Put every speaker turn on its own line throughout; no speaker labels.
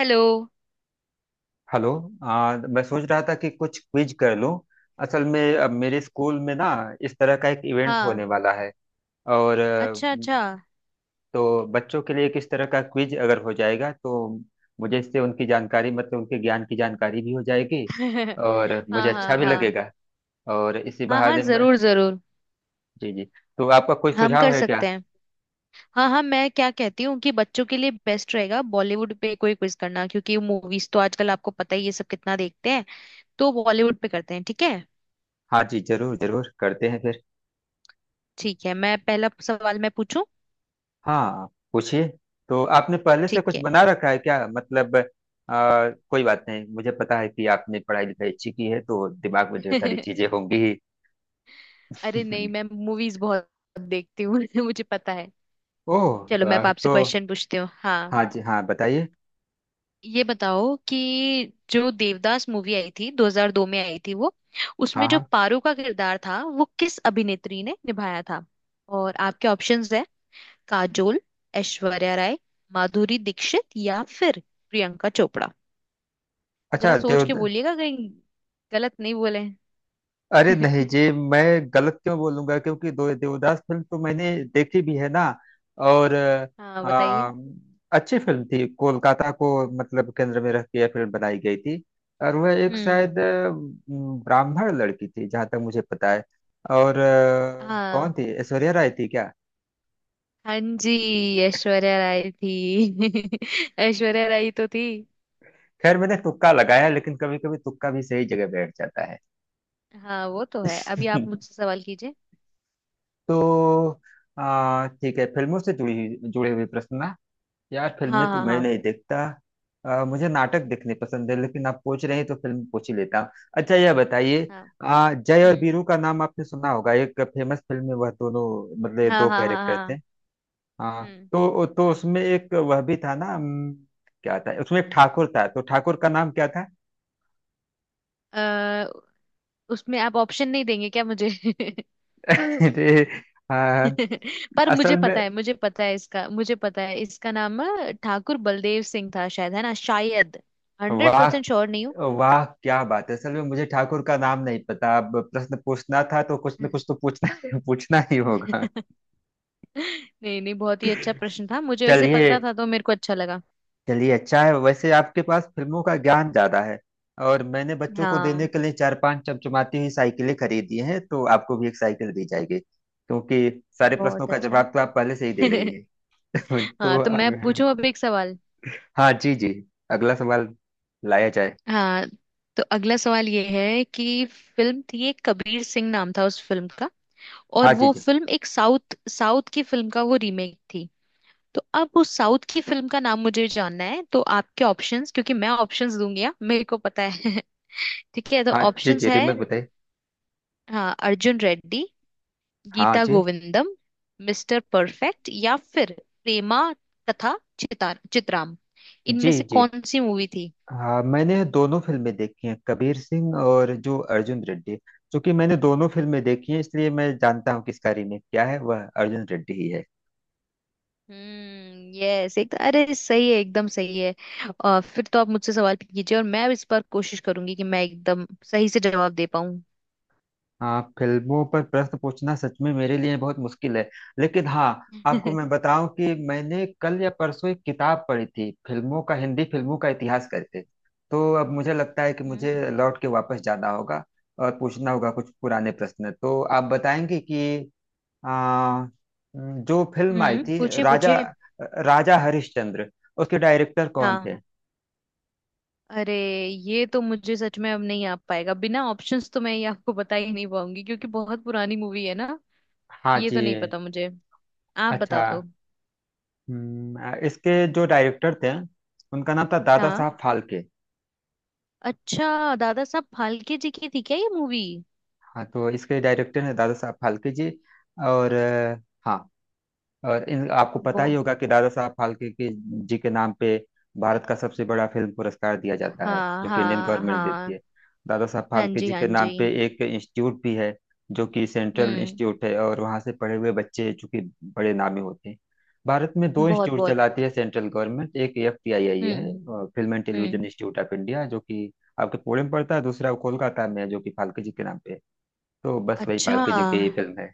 Hello.
Hello. मैं सोच रहा था कि कुछ क्विज कर लूं। असल में अब मेरे स्कूल में ना, इस तरह का एक इवेंट होने
हाँ।
वाला है। और
अच्छा
अ,
अच्छा।
तो बच्चों के लिए किस तरह का क्विज अगर हो जाएगा तो मुझे इससे उनकी जानकारी, मतलब उनके ज्ञान की जानकारी भी हो जाएगी और मुझे
हाँ
अच्छा
हाँ
भी
हाँ
लगेगा और इसी
हाँ। हाँ
बहाने में।
जरूर जरूर।
जी जी। तो आपका कोई
हम
सुझाव
कर
है क्या?
सकते हैं। हाँ हाँ, मैं क्या कहती हूँ कि बच्चों के लिए बेस्ट रहेगा बॉलीवुड पे कोई क्विज करना, क्योंकि मूवीज तो आजकल आपको पता ही ये सब कितना देखते हैं। तो बॉलीवुड पे करते हैं, ठीक है।
हाँ जी, जरूर जरूर करते हैं फिर।
ठीक है, मैं पहला सवाल मैं पूछूं।
हाँ, पूछिए। तो आपने पहले से
ठीक
कुछ
है।
बना रखा है क्या? मतलब कोई बात नहीं, मुझे पता है कि आपने पढ़ाई लिखाई अच्छी की है तो दिमाग में ढेर सारी चीजें होंगी ही।
अरे नहीं, मैं मूवीज बहुत देखती हूँ। मुझे पता है।
ओह
चलो, मैं अब
वाह,
आपसे
तो
क्वेश्चन पूछती हूँ। हाँ।
हाँ जी, हाँ बताइए।
ये बताओ कि जो देवदास मूवी आई थी 2002 में आई थी वो, उसमें
हाँ
जो
हाँ।
पारो का किरदार था वो किस अभिनेत्री ने निभाया था। और आपके ऑप्शंस है काजोल, ऐश्वर्या राय, माधुरी दीक्षित या फिर प्रियंका चोपड़ा। जरा
अच्छा,
सोच
देव।
के बोलिएगा, कहीं गलत नहीं बोले।
अरे नहीं जी, मैं गलत क्यों बोलूंगा क्योंकि दो देवदास फिल्म तो मैंने देखी भी है ना और
हाँ बताइए।
आ, अच्छी फिल्म थी। कोलकाता को, मतलब केंद्र में रख के यह फिल्म बनाई गई थी और वह एक
हम्म।
शायद ब्राह्मण लड़की थी जहाँ तक मुझे पता है। और कौन
हाँ
थी, ऐश्वर्या राय थी क्या?
हाँ जी, ऐश्वर्या राय थी। ऐश्वर्या राय तो थी।
खैर मैंने तुक्का लगाया लेकिन कभी कभी तुक्का भी सही जगह बैठ जाता है।
हाँ वो तो है। अभी आप मुझसे सवाल कीजिए।
तो ठीक है। फिल्मों से जुड़े हुए प्रश्न ना, यार फिल्में
हाँ
तो
हाँ
मैं
हाँ
नहीं देखता। मुझे नाटक देखने पसंद है लेकिन आप पूछ रहे हैं तो फिल्म पूछ ही लेता हूँ। अच्छा, यह बताइए,
हाँ।
जय और
हम्म।
वीरू का नाम आपने सुना होगा, एक फेमस फिल्म में वह दोनों, मतलब ये
हाँ
दो
हाँ हाँ
कैरेक्टर थे।
हाँ।
हाँ।
हम्म।
तो उसमें एक वह भी था ना, क्या था उसमें, एक ठाकुर था, तो ठाकुर का नाम क्या था?
अ, उसमें आप ऑप्शन नहीं देंगे क्या मुझे।
अरे, अ,
पर मुझे
असल में
पता है, मुझे पता है इसका, मुझे पता है इसका नाम ठाकुर बलदेव सिंह था शायद, है ना शायद। हंड्रेड
वाह।
परसेंट श्योर नहीं हूँ।
वाह क्या बात है, असल में मुझे ठाकुर का नाम नहीं पता, अब प्रश्न पूछना था तो कुछ न कुछ तो पूछना पूछना ही होगा।
नहीं नहीं, बहुत ही अच्छा प्रश्न था। मुझे वैसे
चलिए
पता था तो मेरे को अच्छा लगा।
चलिए, अच्छा है, वैसे आपके पास फिल्मों का ज्ञान ज्यादा है। और मैंने बच्चों को देने
हाँ
के लिए चार पांच चमचमाती हुई साइकिलें खरीदी हैं तो आपको भी एक साइकिल दी जाएगी क्योंकि सारे प्रश्नों
बहुत
का
अच्छा।
जवाब तो आप पहले से ही दे रही हैं। तो
हाँ तो मैं
अब-
पूछूं अब एक सवाल।
हाँ जी जी, अगला सवाल लाया जाए।
हाँ, तो अगला सवाल ये है कि फिल्म थी एक, कबीर सिंह नाम था उस फिल्म का।
हाँ
और
जी
वो
जी।
फिल्म एक साउथ साउथ की फिल्म का वो रीमेक थी। तो अब उस साउथ की फिल्म का नाम मुझे जानना है। तो आपके ऑप्शंस, क्योंकि मैं ऑप्शंस दूंगी। हाँ, मेरे को पता है। ठीक है, तो
हाँ जी
ऑप्शंस
जी,
है।
रिमेक बताइए।
हाँ, अर्जुन रेड्डी,
हाँ
गीता
जी
गोविंदम, मिस्टर परफेक्ट या फिर प्रेमा तथा चिता चित्राम। इनमें
जी
से
जी।
कौन सी मूवी थी।
हाँ मैंने दोनों फिल्में देखी हैं, कबीर सिंह और जो अर्जुन रेड्डी, क्योंकि मैंने दोनों फिल्में देखी हैं इसलिए मैं जानता हूँ किसका रीमेक क्या है, वह अर्जुन रेड्डी ही है।
हम्म, यस। एक तो, अरे सही है, एकदम सही है। और फिर तो आप मुझसे सवाल कीजिए, और मैं अब इस बार कोशिश करूंगी कि मैं एकदम सही से जवाब दे पाऊं।
हाँ, फिल्मों पर प्रश्न पूछना सच में मेरे लिए बहुत मुश्किल है, लेकिन हाँ, आपको मैं बताऊं कि मैंने कल या परसों एक किताब पढ़ी थी, फिल्मों का, हिंदी फिल्मों का इतिहास करके। तो अब मुझे लगता है कि
हम्म।
मुझे लौट के वापस जाना होगा और पूछना होगा कुछ पुराने प्रश्न, तो आप बताएंगे कि आ, जो फिल्म आई थी,
पूछिए
राजा
पूछिए।
राजा हरिश्चंद्र, उसके डायरेक्टर कौन
हाँ
थे?
अरे, ये तो मुझे सच में अब नहीं आ पाएगा। बिना ऑप्शंस तो मैं ये आपको बता ही नहीं पाऊंगी, क्योंकि बहुत पुरानी मूवी है ना।
हाँ
ये तो
जी।
नहीं पता मुझे। आप
अच्छा।
बता दो।
हम्म, इसके जो डायरेक्टर थे, उनका नाम था दादा
हाँ
साहब फाल्के।
अच्छा, दादा साहब फाल्के जी की थी क्या ये मूवी।
हाँ, तो इसके डायरेक्टर हैं दादा साहब फाल्के जी, और हाँ, और इन, आपको
वो
पता ही होगा कि दादा साहब फाल्के के जी के नाम पे भारत का सबसे बड़ा फिल्म पुरस्कार दिया जाता है,
हाँ
जो कि इंडियन
हाँ
गवर्नमेंट देती
हाँ।
है। दादा साहब
हाँ
फाल्के
जी
जी
हाँ
के
जी।
नाम पे एक इंस्टीट्यूट भी है जो कि सेंट्रल
हम्म
इंस्टीट्यूट है, और वहाँ से पढ़े हुए बच्चे चूंकि बड़े नामी होते हैं। भारत में दो
बहुत
इंस्टीट्यूट
बहुत।
चलाती है सेंट्रल गवर्नमेंट, एक FTII
हम्म
है, film and
hmm.
Television institute of India, जो कि आपके पुणे में पड़ता है, दूसरा कोलकाता में है जो कि फाल्के जी के नाम पे है। तो बस वही
अच्छा।
पालतू जी की ही फिल्म है।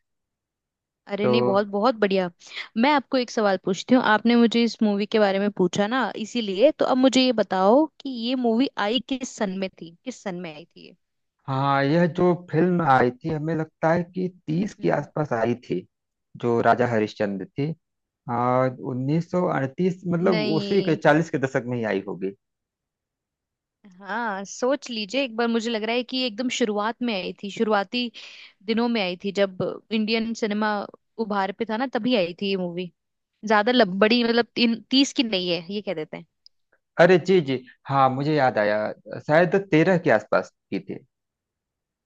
अरे
तो
नहीं, बहुत बहुत बढ़िया। मैं आपको एक सवाल पूछती हूँ, आपने मुझे इस मूवी के बारे में पूछा ना इसीलिए। तो अब मुझे ये बताओ कि ये मूवी आई किस सन में थी, किस सन में आई थी ये।
हाँ, यह जो फिल्म आई थी, हमें लगता है कि तीस के
हम्म।
आसपास आई थी, जो राजा हरिश्चंद्र थी। और 1938, मतलब उसी के
नहीं।
चालीस के दशक में ही आई होगी।
हाँ सोच लीजिए एक बार, मुझे लग रहा है कि ये एकदम शुरुआत में आई थी, शुरुआती दिनों में आई थी जब इंडियन सिनेमा उभार पे था ना, तभी आई थी ये मूवी। ज्यादा बड़ी, मतलब तीन 30 की नहीं है ये, कह देते हैं।
अरे जी जी, हाँ, मुझे याद आया, शायद तेरह के आसपास की थी।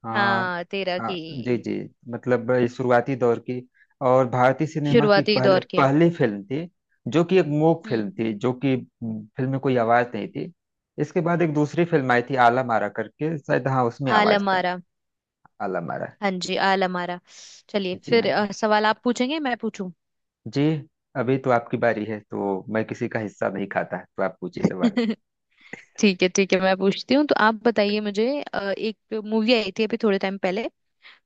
हाँ
हाँ 13 की।
हाँ, जी जी, मतलब ये शुरुआती दौर की और भारतीय सिनेमा की
शुरुआती
पहले
दौर की।
पहली फिल्म थी, जो कि एक मूक फिल्म
हम्म।
थी, जो कि फिल्म में कोई आवाज नहीं थी। इसके बाद एक दूसरी फिल्म आई थी, आला मारा करके, शायद, हाँ उसमें आवाज
आलम
था।
आरा।
आला मारा।
हाँ जी, आल हमारा। चलिए
जी
फिर।
हाँ जी
सवाल आप पूछेंगे, मैं पूछूं।
जी। अभी तो आपकी बारी है, तो मैं किसी का हिस्सा नहीं खाता, तो आप पूछिए सवाल।
ठीक है ठीक है, मैं पूछती हूँ तो आप बताइए मुझे। एक मूवी आई थी अभी थोड़े टाइम पहले,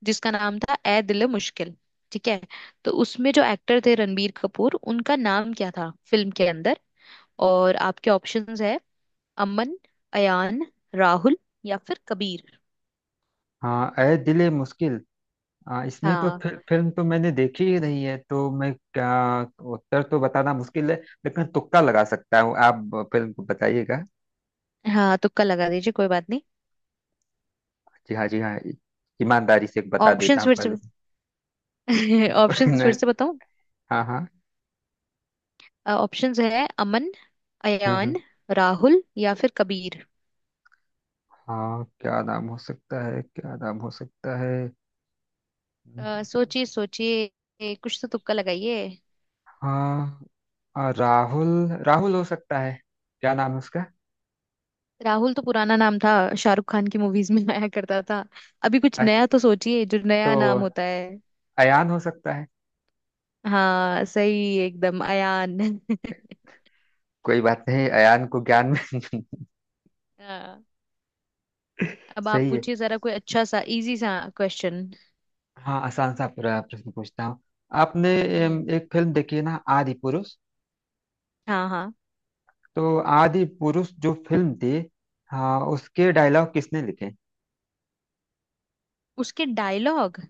जिसका नाम था ए दिल मुश्किल। ठीक है, तो उसमें जो एक्टर थे रणबीर कपूर, उनका नाम क्या था फिल्म के अंदर। और आपके ऑप्शंस है अमन, अयान, राहुल या फिर कबीर।
हाँ, ए दिले मुश्किल, इसमें तो
हाँ
फिर फिल्म तो मैंने देखी ही नहीं है तो मैं क्या उत्तर तो बताना मुश्किल है, लेकिन तुक्का लगा सकता हूँ, आप फिल्म को बताइएगा।
हाँ, तुक्का लगा दीजिए, कोई बात नहीं।
जी हाँ जी हाँ, ईमानदारी से बता देता
ऑप्शंस
हूँ
फिर से।
पहले से।
ऑप्शंस फिर
नहीं,
से बताऊं।
हाँ हाँ।
ऑप्शंस है अमन,
हम्म हम्म।
अयान, राहुल या फिर कबीर।
हाँ क्या नाम हो सकता है, क्या नाम हो सकता है। हम्म,
सोचिए सोचिए। कुछ तो तुक्का लगाइए।
हाँ राहुल, राहुल हो सकता है, क्या नाम है उसका?
राहुल तो पुराना नाम था, शाहरुख खान की मूवीज में आया करता था। अभी कुछ
अच्छा,
नया तो सोचिए, जो
तो
नया नाम होता है।
अयान हो सकता है।
हाँ सही एकदम, अयान।
कोई बात नहीं, अयान को ज्ञान में।
हाँ। अब आप
सही है।
पूछिए जरा कोई अच्छा सा इजी सा क्वेश्चन।
हाँ, आसान सा पूरा प्रश्न पूछता हूँ। आपने
हम्म
एक फिल्म देखी है ना, आदि पुरुष?
हाँ हाँ।
तो आदि पुरुष जो फिल्म थी, हाँ, उसके डायलॉग किसने लिखे,
उसके डायलॉग।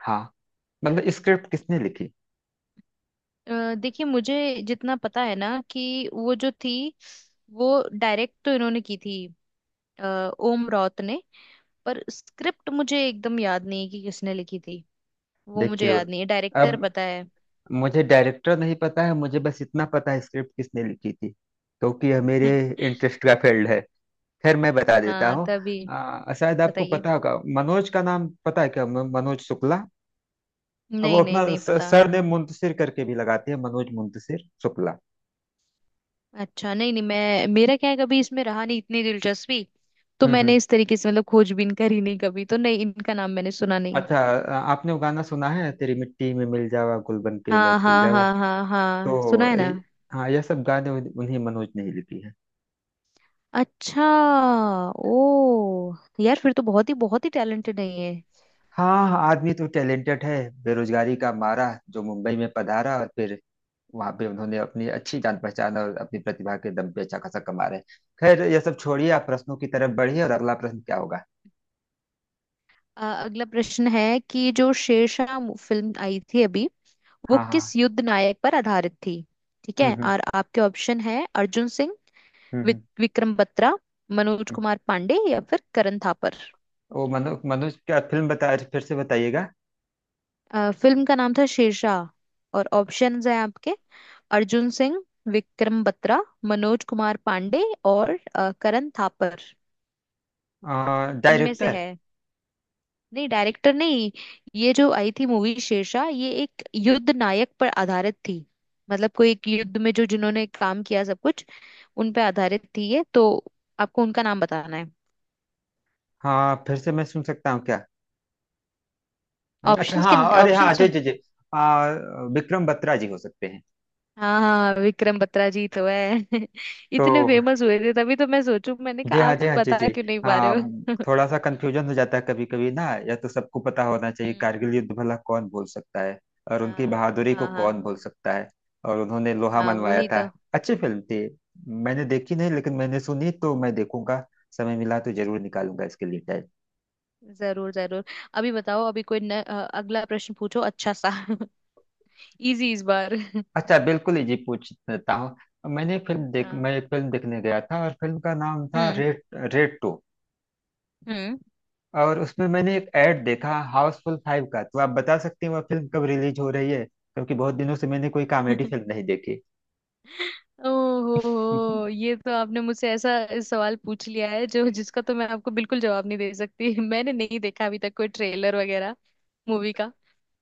हाँ मतलब स्क्रिप्ट किसने लिखी?
देखिए, मुझे जितना पता है ना कि वो जो थी, वो डायरेक्ट तो इन्होंने की थी, ओम रॉथ ने, पर स्क्रिप्ट मुझे एकदम याद नहीं है कि किसने लिखी थी। वो मुझे
देखिए,
याद नहीं है, डायरेक्टर
अब
पता है।
मुझे डायरेक्टर नहीं पता है, मुझे बस इतना पता है स्क्रिप्ट किसने लिखी थी क्योंकि यह मेरे इंटरेस्ट का फील्ड है। खैर मैं बता देता
हाँ
हूँ,
तभी।
शायद आपको
बताइए।
पता होगा, मनोज का नाम पता है क्या? मनोज शुक्ला। अब वो
नहीं नहीं,
अपना
नहीं पता।
सरनेम मुंतशिर करके भी लगाते हैं, मनोज मुंतशिर शुक्ला।
अच्छा नहीं नहीं, मैं, मेरा क्या है, कभी इसमें रहा नहीं इतनी दिलचस्पी। तो
हम्म हम्म।
मैंने इस तरीके से मतलब खोजबीन करी नहीं कभी, तो नहीं, इनका नाम मैंने सुना नहीं।
अच्छा, आपने वो गाना सुना है, तेरी मिट्टी में मिल जावा, गुल बन के मैं
हाँ
खिल
हाँ
जावा?
हाँ हाँ
तो
हाँ सुना है ना।
ये, हाँ, यह सब गाने उन्हीं मनोज ने ही लिखी है।
अच्छा ओ, यार फिर तो बहुत ही टैलेंटेड है ये।
हाँ हाँ, आदमी तो टैलेंटेड है। बेरोजगारी का मारा जो मुंबई में पधारा और फिर वहां पे उन्होंने अपनी अच्छी जान पहचान और अपनी प्रतिभा के दम पे अच्छा खासा कमा रहे हैं। खैर यह सब छोड़िए, आप प्रश्नों की तरफ बढ़िए और अगला प्रश्न क्या होगा?
अगला प्रश्न है कि जो शेरशाह फिल्म आई थी अभी, वो
हाँ
किस
हाँ।
युद्ध नायक पर आधारित थी। ठीक है,
हम्म।
और आपके ऑप्शन है अर्जुन सिंह,
हम्म हम्म,
विक्रम बत्रा, मनोज
हम्म।
कुमार पांडे या फिर करण थापर।
वो मनोज, मनोज क्या फिल्म, बता फिर से बताइएगा।
फिल्म का नाम था शेरशाह और ऑप्शंस हैं आपके अर्जुन सिंह, विक्रम बत्रा, मनोज कुमार पांडे और करण थापर। इनमें से
डायरेक्टर?
है। नहीं, डायरेक्टर नहीं। ये जो आई थी मूवी शेरशाह, ये एक युद्ध नायक पर आधारित थी। मतलब कोई एक युद्ध में जो जिन्होंने काम किया सब कुछ, उन पे आधारित थी ये तो। आपको उनका नाम बताना है।
हाँ फिर से मैं सुन सकता हूँ क्या? अच्छा
ऑप्शंस के।
हाँ, अरे
ऑप्शन
हाँ जी
सुन।
जी जी। आ, विक्रम बत्रा जी हो सकते हैं।
हाँ हाँ, विक्रम बत्रा जी तो है।
तो
इतने फेमस हुए थे, तभी तो मैं सोचू, मैंने कहा
जी हाँ
आप
जी हाँ जी
बता
जी
क्यों नहीं पा रहे
हाँ,
हो।
थोड़ा सा कंफ्यूजन हो जाता है कभी कभी ना, या तो सबको पता होना चाहिए,
हम्म।
कारगिल युद्ध भला कौन भूल सकता है, और उनकी
हाँ
बहादुरी को
हाँ
कौन
हाँ
भूल सकता है, और उन्होंने लोहा
हाँ
मनवाया
वही
था।
तो।
अच्छी फिल्म थी, मैंने देखी नहीं लेकिन मैंने सुनी तो मैं देखूंगा, समय मिला तो जरूर निकालूंगा इसके लिए टाइम।
जरूर जरूर। अभी बताओ, अभी कोई न, अ, अगला प्रश्न पूछो अच्छा सा। इजी इस बार।
अच्छा बिल्कुल ही जी, पूछता हूँ।
हाँ।
मैं एक फिल्म देखने गया था और फिल्म का नाम था
हम्म
रेड, रेड 2।
हम्म।
और उसमें मैंने एक ऐड देखा हाउसफुल 5 का, तो आप बता सकते हैं वह फिल्म कब रिलीज हो रही है? क्योंकि बहुत दिनों से मैंने कोई कॉमेडी फिल्म नहीं देखी।
ओहो हो, ये तो आपने मुझसे ऐसा सवाल पूछ लिया है जो, जिसका तो मैं आपको बिल्कुल जवाब नहीं दे सकती। मैंने नहीं देखा अभी तक कोई ट्रेलर वगैरह मूवी का।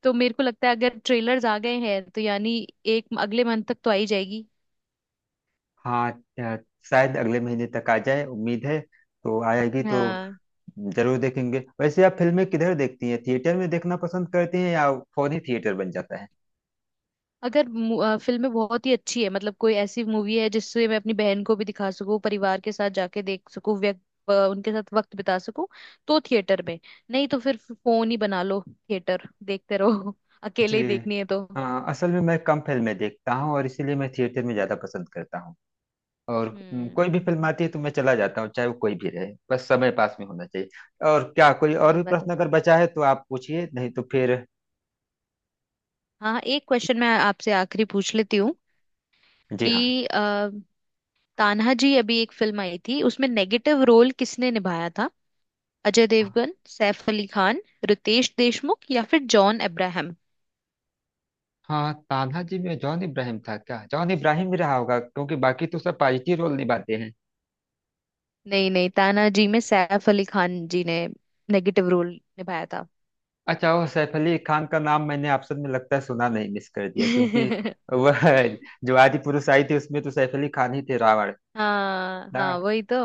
तो मेरे को लगता है अगर ट्रेलर्स आ गए हैं तो यानी एक अगले मंथ तक तो आ ही जाएगी।
हाँ, अ, शायद अगले महीने तक आ जाए, उम्मीद है। तो आएगी तो
हाँ।
जरूर देखेंगे। वैसे आप फिल्में किधर देखती हैं, थिएटर में देखना पसंद करती हैं या फोन ही थिएटर बन जाता है?
अगर फिल्में बहुत ही अच्छी है, मतलब कोई ऐसी मूवी है जिससे मैं अपनी बहन को भी दिखा सकूं, परिवार के साथ जाके देख सकूं, व्यक्त उनके साथ वक्त बिता सकूं, तो थिएटर में। नहीं तो फिर फोन ही बना लो, थिएटर देखते रहो।
जी,
अकेले ही देखनी है तो।
अ, असल में मैं कम फिल्में देखता हूँ और इसीलिए मैं थिएटर में ज्यादा पसंद करता हूँ। और
हम्म
कोई भी फिल्म आती है तो मैं चला जाता हूँ, चाहे वो कोई भी रहे। बस समय पास में होना चाहिए। और क्या कोई और
सही
भी
बात है।
प्रश्न अगर बचा है तो आप पूछिए, नहीं तो फिर।
हाँ एक क्वेश्चन मैं आपसे आखिरी पूछ लेती हूँ
जी
कि
हाँ।
तान्हा जी, अभी एक फिल्म आई थी, उसमें नेगेटिव रोल किसने निभाया था। अजय देवगन, सैफ अली खान, रितेश देशमुख या फिर जॉन अब्राहम।
हाँ, तान्हाजी में जॉन इब्राहिम था क्या, जॉन इब्राहिम ही रहा होगा क्योंकि बाकी तो सब पॉजिटिव रोल निभाते हैं।
नहीं नहीं, तानाजी में सैफ अली खान जी ने नेगेटिव रोल निभाया था।
अच्छा, वो सैफ अली खान का नाम मैंने ऑप्शन में लगता है सुना नहीं, मिस कर दिया, क्योंकि वह जो आदि पुरुष आई थी उसमें तो सैफ अली खान ही थे, रावण
हाँ हाँ
ना।
वही तो।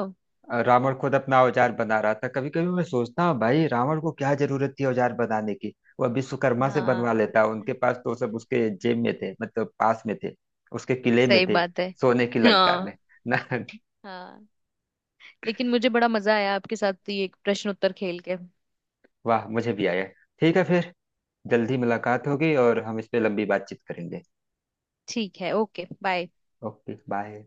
रावण खुद अपना औजार बना रहा था, कभी कभी मैं सोचता हूँ भाई रावण को क्या जरूरत थी औजार बनाने की, वह विश्वकर्मा से बनवा
हाँ
लेता, उनके पास तो सब उसके जेब में थे, मतलब पास में थे, उसके किले में
सही
थे,
बात है।
सोने की लंका में।
हाँ
ना।
हाँ, लेकिन मुझे बड़ा मजा आया आपके साथ ये प्रश्न उत्तर खेल के।
वाह, मुझे भी आया। ठीक है फिर, जल्दी मुलाकात होगी और हम इस पे लंबी बातचीत करेंगे।
ठीक है, ओके बाय।
Okay bye.